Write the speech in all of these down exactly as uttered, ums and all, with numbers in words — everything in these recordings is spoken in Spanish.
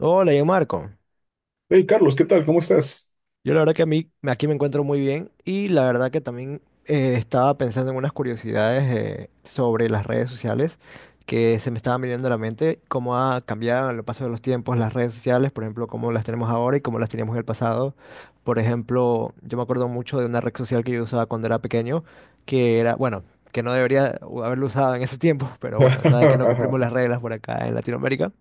Hola, yo Marco. Hey Carlos, ¿qué tal? ¿Cómo estás? Yo la verdad que a mí aquí me encuentro muy bien y la verdad que también eh, estaba pensando en unas curiosidades eh, sobre las redes sociales que se me estaban viniendo a la mente, cómo ha cambiado en el paso de los tiempos las redes sociales, por ejemplo, cómo las tenemos ahora y cómo las teníamos en el pasado. Por ejemplo, yo me acuerdo mucho de una red social que yo usaba cuando era pequeño, que era, bueno, que no debería haberlo usado en ese tiempo, pero bueno, sabes que no cumplimos las reglas por acá en Latinoamérica.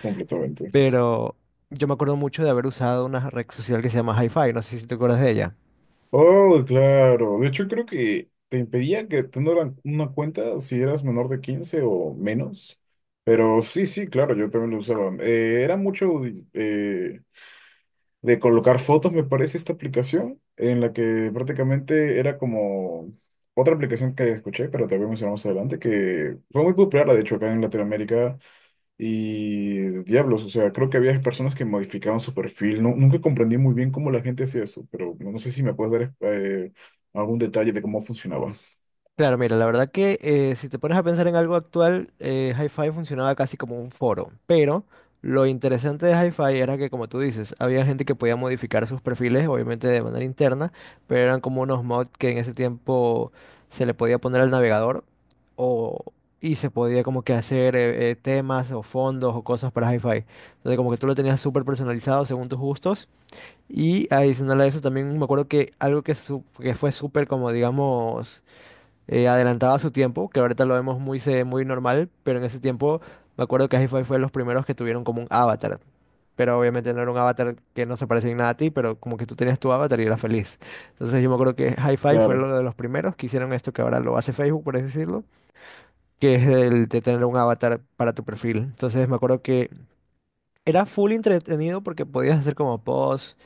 Completamente. Pero yo me acuerdo mucho de haber usado una red social que se llama HiFi, no sé si te acuerdas de ella. Oh, claro. De hecho, creo que te impedían que tuvieran una cuenta si eras menor de quince o menos. Pero sí, sí, claro, yo también lo usaba. Eh, era mucho de eh, de colocar fotos, me parece, esta aplicación, en la que prácticamente era como otra aplicación que escuché, pero te voy a mencionar más adelante, que fue muy popular, de hecho, acá en Latinoamérica. Y diablos, o sea, creo que había personas que modificaban su perfil. No, nunca comprendí muy bien cómo la gente hacía eso, pero no sé si me puedes dar eh, eh, algún detalle de cómo funcionaba. Claro, mira, la verdad que eh, si te pones a pensar en algo actual, eh, HiFi funcionaba casi como un foro, pero lo interesante de HiFi era que, como tú dices, había gente que podía modificar sus perfiles, obviamente de manera interna, pero eran como unos mods que en ese tiempo se le podía poner al navegador o, y se podía como que hacer eh, eh, temas o fondos o cosas para HiFi. Entonces como que tú lo tenías súper personalizado según tus gustos. Y adicional a eso también me acuerdo que algo que, su- que fue súper como digamos eh, adelantado a su tiempo, que ahorita lo vemos muy, se- muy normal, pero en ese tiempo me acuerdo que hi fue de los primeros que tuvieron como un avatar, pero obviamente no era un avatar que no se parecía en nada a ti, pero como que tú tenías tu avatar y eras feliz. Entonces yo me acuerdo que hi fue Claro. uno de los primeros que hicieron esto que ahora lo hace Facebook, por así decirlo, que es el de tener un avatar para tu perfil. Entonces me acuerdo que era full entretenido porque podías hacer como posts.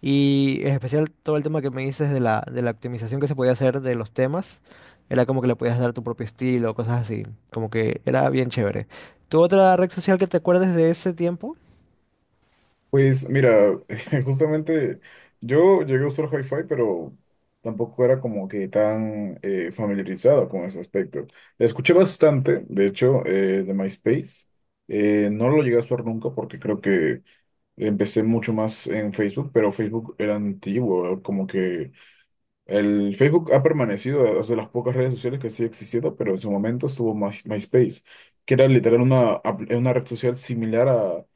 Y en especial todo el tema que me dices de la, de la optimización que se podía hacer de los temas, era como que le podías dar tu propio estilo, cosas así, como que era bien chévere. ¿Tu otra red social que te acuerdes de ese tiempo? Pues mira, justamente yo llegué a usar Hi-Fi, pero tampoco era como que tan eh, familiarizado con ese aspecto. Escuché bastante, de hecho, eh, de MySpace. Eh, no lo llegué a usar nunca porque creo que empecé mucho más en Facebook, pero Facebook era antiguo, como que el Facebook ha permanecido, es de las pocas redes sociales que sigue existiendo, pero en su momento estuvo My- MySpace, que era literal una, apl- una red social similar a,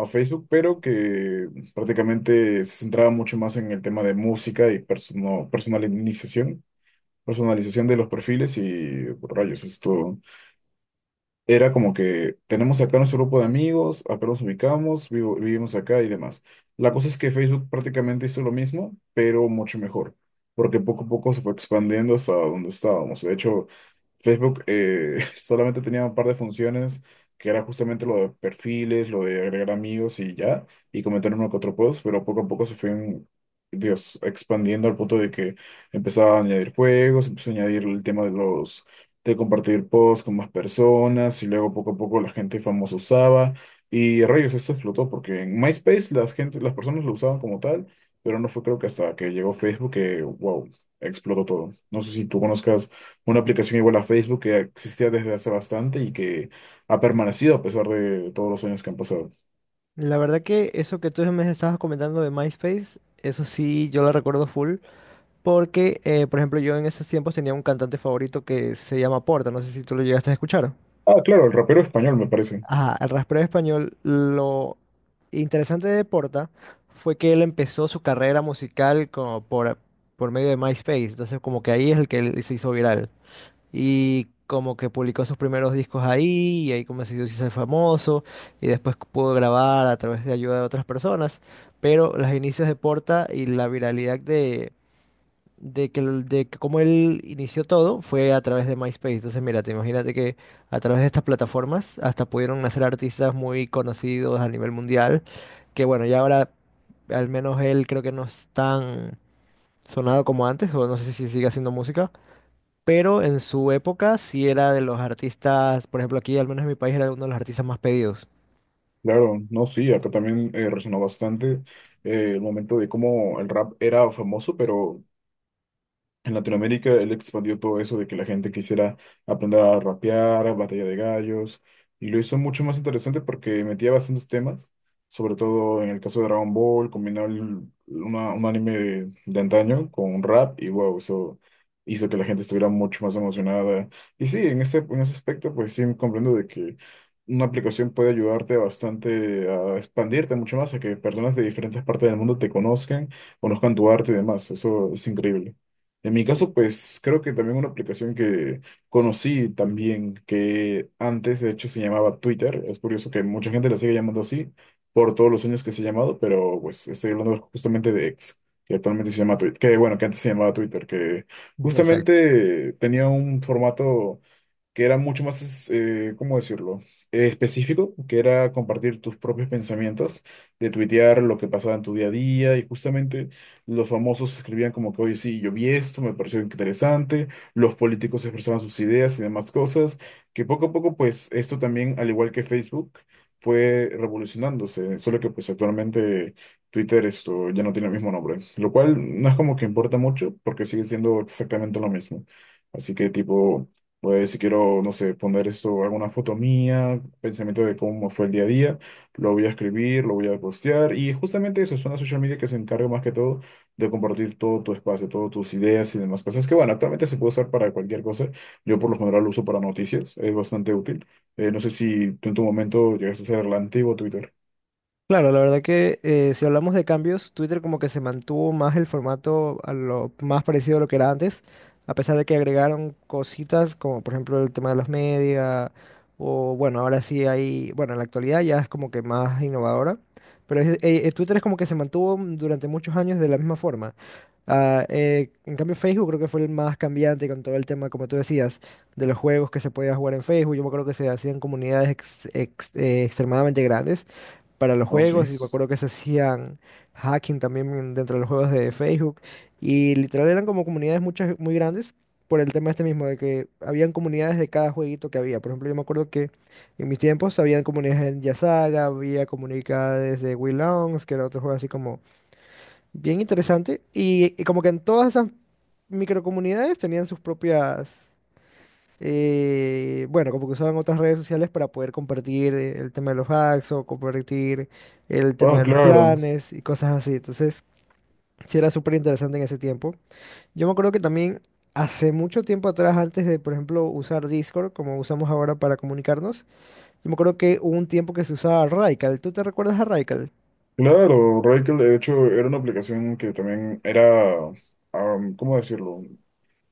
a Facebook, pero que prácticamente se centraba mucho más en el tema de música y persona- personalización, personalización de los perfiles y rayos, esto era como que tenemos acá nuestro grupo de amigos, acá nos ubicamos, vivo- vivimos acá y demás. La cosa es que Facebook prácticamente hizo lo mismo, pero mucho mejor, porque poco a poco se fue expandiendo hasta donde estábamos. De hecho, Facebook eh, solamente tenía un par de funciones, que era justamente lo de perfiles, lo de agregar amigos y ya, y comentar uno que otro post, pero poco a poco se fue, en- Dios, expandiendo al punto de que empezaba a añadir juegos, empezó a añadir el tema de los de compartir posts con más personas y luego poco a poco la gente famosa usaba y rayos, esto explotó porque en MySpace las gente, las personas lo usaban como tal, pero no fue creo que hasta que llegó Facebook que, wow, explotó todo. No sé si tú conozcas una aplicación igual a Facebook que existía desde hace bastante y que ha permanecido a pesar de todos los años que han pasado. La verdad que eso que tú me estabas comentando de MySpace, eso sí, yo lo recuerdo full, porque, eh, por ejemplo, yo en esos tiempos tenía un cantante favorito que se llama Porta, no sé si tú lo llegaste a escuchar. Ah, claro, el rapero español me parece. Ajá, el rastreo español, lo interesante de Porta fue que él empezó su carrera musical como por, por medio de MySpace, entonces como que ahí es el que él se hizo viral y como que publicó sus primeros discos ahí y ahí como se hizo se hizo famoso y después pudo grabar a través de ayuda de otras personas, pero los inicios de Porta y la viralidad de de que, el- de que cómo él inició todo fue a través de MySpace. Entonces, mira, te imagínate que a través de estas plataformas hasta pudieron nacer artistas muy conocidos a nivel mundial, que bueno, ya ahora al menos él creo que no es tan sonado como antes, o no sé si sigue haciendo música, pero en su época sí era de los artistas, por ejemplo, aquí al menos en mi país era uno de los artistas más pedidos. Claro, no, sí, acá también eh, resonó bastante eh, el momento de cómo el rap era famoso, pero en Latinoamérica él expandió todo eso de que la gente quisiera aprender a rapear, a batalla de gallos, y lo hizo mucho más interesante porque metía bastantes temas, sobre todo en el caso de Dragon Ball, combinó el- una- un anime de, de antaño con un rap, y wow, eso hizo que la gente estuviera mucho más emocionada. Y sí, en ese, en ese aspecto, pues sí comprendo de que una aplicación puede ayudarte bastante a expandirte mucho más, a que personas de diferentes partes del mundo te conozcan, conozcan tu arte y demás, eso es increíble. En mi caso, pues creo que también una aplicación que conocí también, que antes de hecho se llamaba Twitter. Es curioso que mucha gente la sigue llamando así por todos los años que se ha llamado, pero pues estoy hablando justamente de X, que actualmente se llama Twitter, que bueno, que antes se llamaba Twitter, que Exacto. justamente tenía un formato que era mucho más, eh, ¿cómo decirlo? Eh, específico, que era compartir tus propios pensamientos, de tuitear lo que pasaba en tu día a día, y justamente los famosos escribían como que, hoy sí, yo vi esto, me pareció interesante, los políticos expresaban sus ideas y demás cosas, que poco a poco, pues, esto también, al igual que Facebook, fue revolucionándose, solo que pues actualmente Twitter esto ya no tiene el mismo nombre, lo cual no es como que importa mucho porque sigue siendo exactamente lo mismo. Así que tipo, pues si quiero, no sé, poner esto, alguna foto mía, pensamiento de cómo fue el día a día, lo voy a escribir, lo voy a postear y justamente eso es una social media que se encarga más que todo de compartir todo tu espacio, todas tus ideas y demás cosas que bueno, actualmente se puede usar para cualquier cosa. Yo por lo general lo uso para noticias, es bastante útil. Eh, no sé si tú en tu momento llegaste a usar el antiguo Twitter. Claro, la verdad que eh, si hablamos de cambios, Twitter como que se mantuvo más el formato a lo más parecido a lo que era antes, a pesar de que agregaron cositas como por ejemplo el tema de los media, o bueno, ahora sí hay, bueno, en la actualidad ya es como que más innovadora, pero es- eh, eh, Twitter es como que se mantuvo mm, durante muchos años de la misma forma. Ah, eh, en cambio, Facebook creo que fue el más cambiante con todo el tema, como tú decías, de los juegos que se podía jugar en Facebook. Yo me acuerdo que se hacían comunidades ex- ex- eh, extremadamente grandes para los No, sí. juegos y me acuerdo que se hacían hacking también dentro de los juegos de Facebook y literal eran como comunidades muchas muy grandes por el tema este mismo de que habían comunidades de cada jueguito que había. Por ejemplo, yo me acuerdo que en mis tiempos habían comunidades de Yasaga, había comunidades de Wii Longs, que era otro juego así como bien interesante y, y como que en todas esas microcomunidades tenían sus propias eh, bueno, como que usaban otras redes sociales para poder compartir eh, el tema de los hacks o compartir el tema Ah, de los claro, clanes y cosas así. Entonces, sí era súper interesante en ese tiempo. Yo me acuerdo que también hace mucho tiempo atrás, antes de, por ejemplo, usar Discord, como usamos ahora para comunicarnos, yo me acuerdo que hubo un tiempo que se usaba Raical. ¿Tú te recuerdas a Raical? claro, Rakel de hecho era una aplicación que también era, ah, ¿cómo decirlo?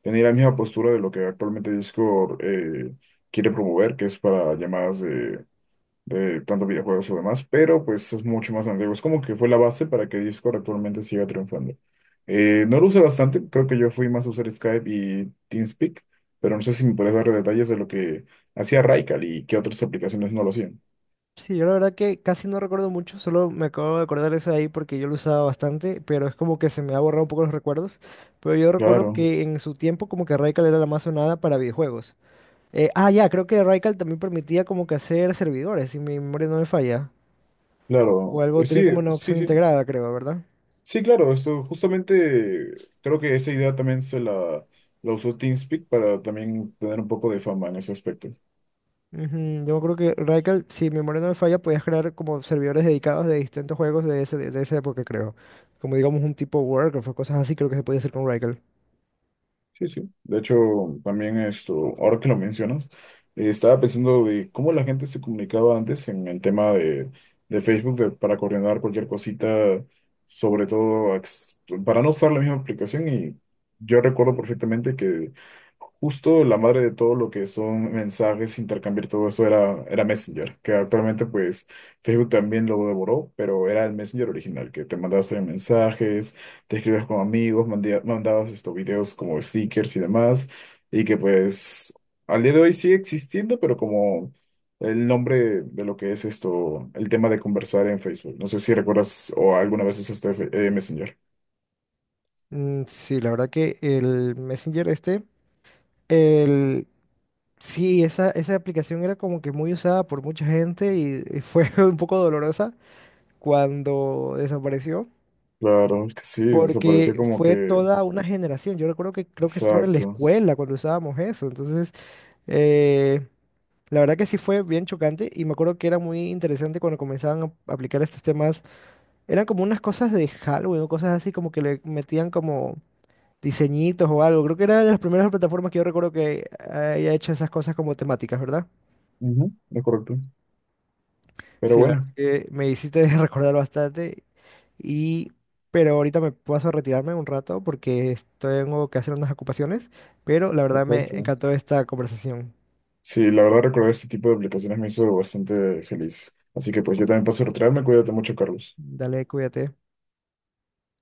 Tenía la misma postura de lo que actualmente Discord eh, quiere promover, que es para llamadas de, de tanto videojuegos o demás, pero pues es mucho más antiguo. Es como que fue la base para que Discord actualmente siga triunfando. Eh, no lo usé bastante, creo que yo fui más a usar Skype y TeamSpeak, pero no sé si me puedes dar detalles de lo que hacía Raikal y qué otras aplicaciones no lo hacían. Sí, yo la verdad que casi no recuerdo mucho, solo me acabo de acordar eso de ahí porque yo lo usaba bastante, pero es como que se me ha borrado un poco los recuerdos. Pero yo recuerdo Claro, que en su tiempo como que Radical era la más sonada para videojuegos. Eh, ah, ya, creo que Radical también permitía como que hacer servidores, si mi memoria no me falla. O claro. algo Eh, sí, tenía como una sí, opción sí. integrada, creo, ¿verdad? Sí, claro, esto justamente creo que esa idea también se la, la usó TeamSpeak para también tener un poco de fama en ese aspecto. Ujú. Yo creo que Radical, si mi memoria no me falla, podías crear como servidores dedicados de distintos juegos de, ese, de esa época, creo. Como digamos un tipo Warcraft o cosas así, creo que se podía hacer con Radical. Sí, sí. De hecho, también esto, ahora que lo mencionas, eh, estaba pensando de cómo la gente se comunicaba antes en el tema de, de Facebook de- para coordinar cualquier cosita, sobre todo ex- para no usar la misma aplicación. Y yo recuerdo perfectamente que justo la madre de todo lo que son mensajes, intercambiar todo eso era, era Messenger, que actualmente pues Facebook también lo devoró, pero era el Messenger original, que te mandaste mensajes te escribas con amigos, mandi- mandabas estos videos como stickers y demás, y que pues al día de hoy sigue existiendo, pero como el nombre de, de lo que es esto, el tema de conversar en Facebook. No sé si recuerdas o alguna vez usaste Fe- eh, Messenger. Mm, sí, la verdad que el Messenger este, el, sí, esa, esa aplicación era como que muy usada por mucha gente y, fue un poco dolorosa cuando desapareció, Claro, es que sí, desapareció porque como fue que... toda una generación. Yo recuerdo que creo que estaba en la Exacto. escuela cuando usábamos eso, entonces eh, la verdad que sí fue bien chocante y me acuerdo que era muy interesante cuando comenzaban a aplicar estos temas. Eran como unas cosas de Halloween o cosas así como que le metían como diseñitos o algo. Creo que era de las primeras plataformas que yo recuerdo que haya hecho esas cosas como temáticas, ¿verdad? Ujú, es correcto. Pero Sí, la verdad bueno, que me hiciste recordar bastante y... Pero ahorita me paso a retirarme un rato porque es- tengo que hacer unas ocupaciones, pero la verdad me perfecto. encantó esta conversación. Sí, la verdad recordar este tipo de aplicaciones me hizo bastante feliz. Así que pues yo también paso a retirarme. Cuídate mucho, Carlos. Dale, cuídate.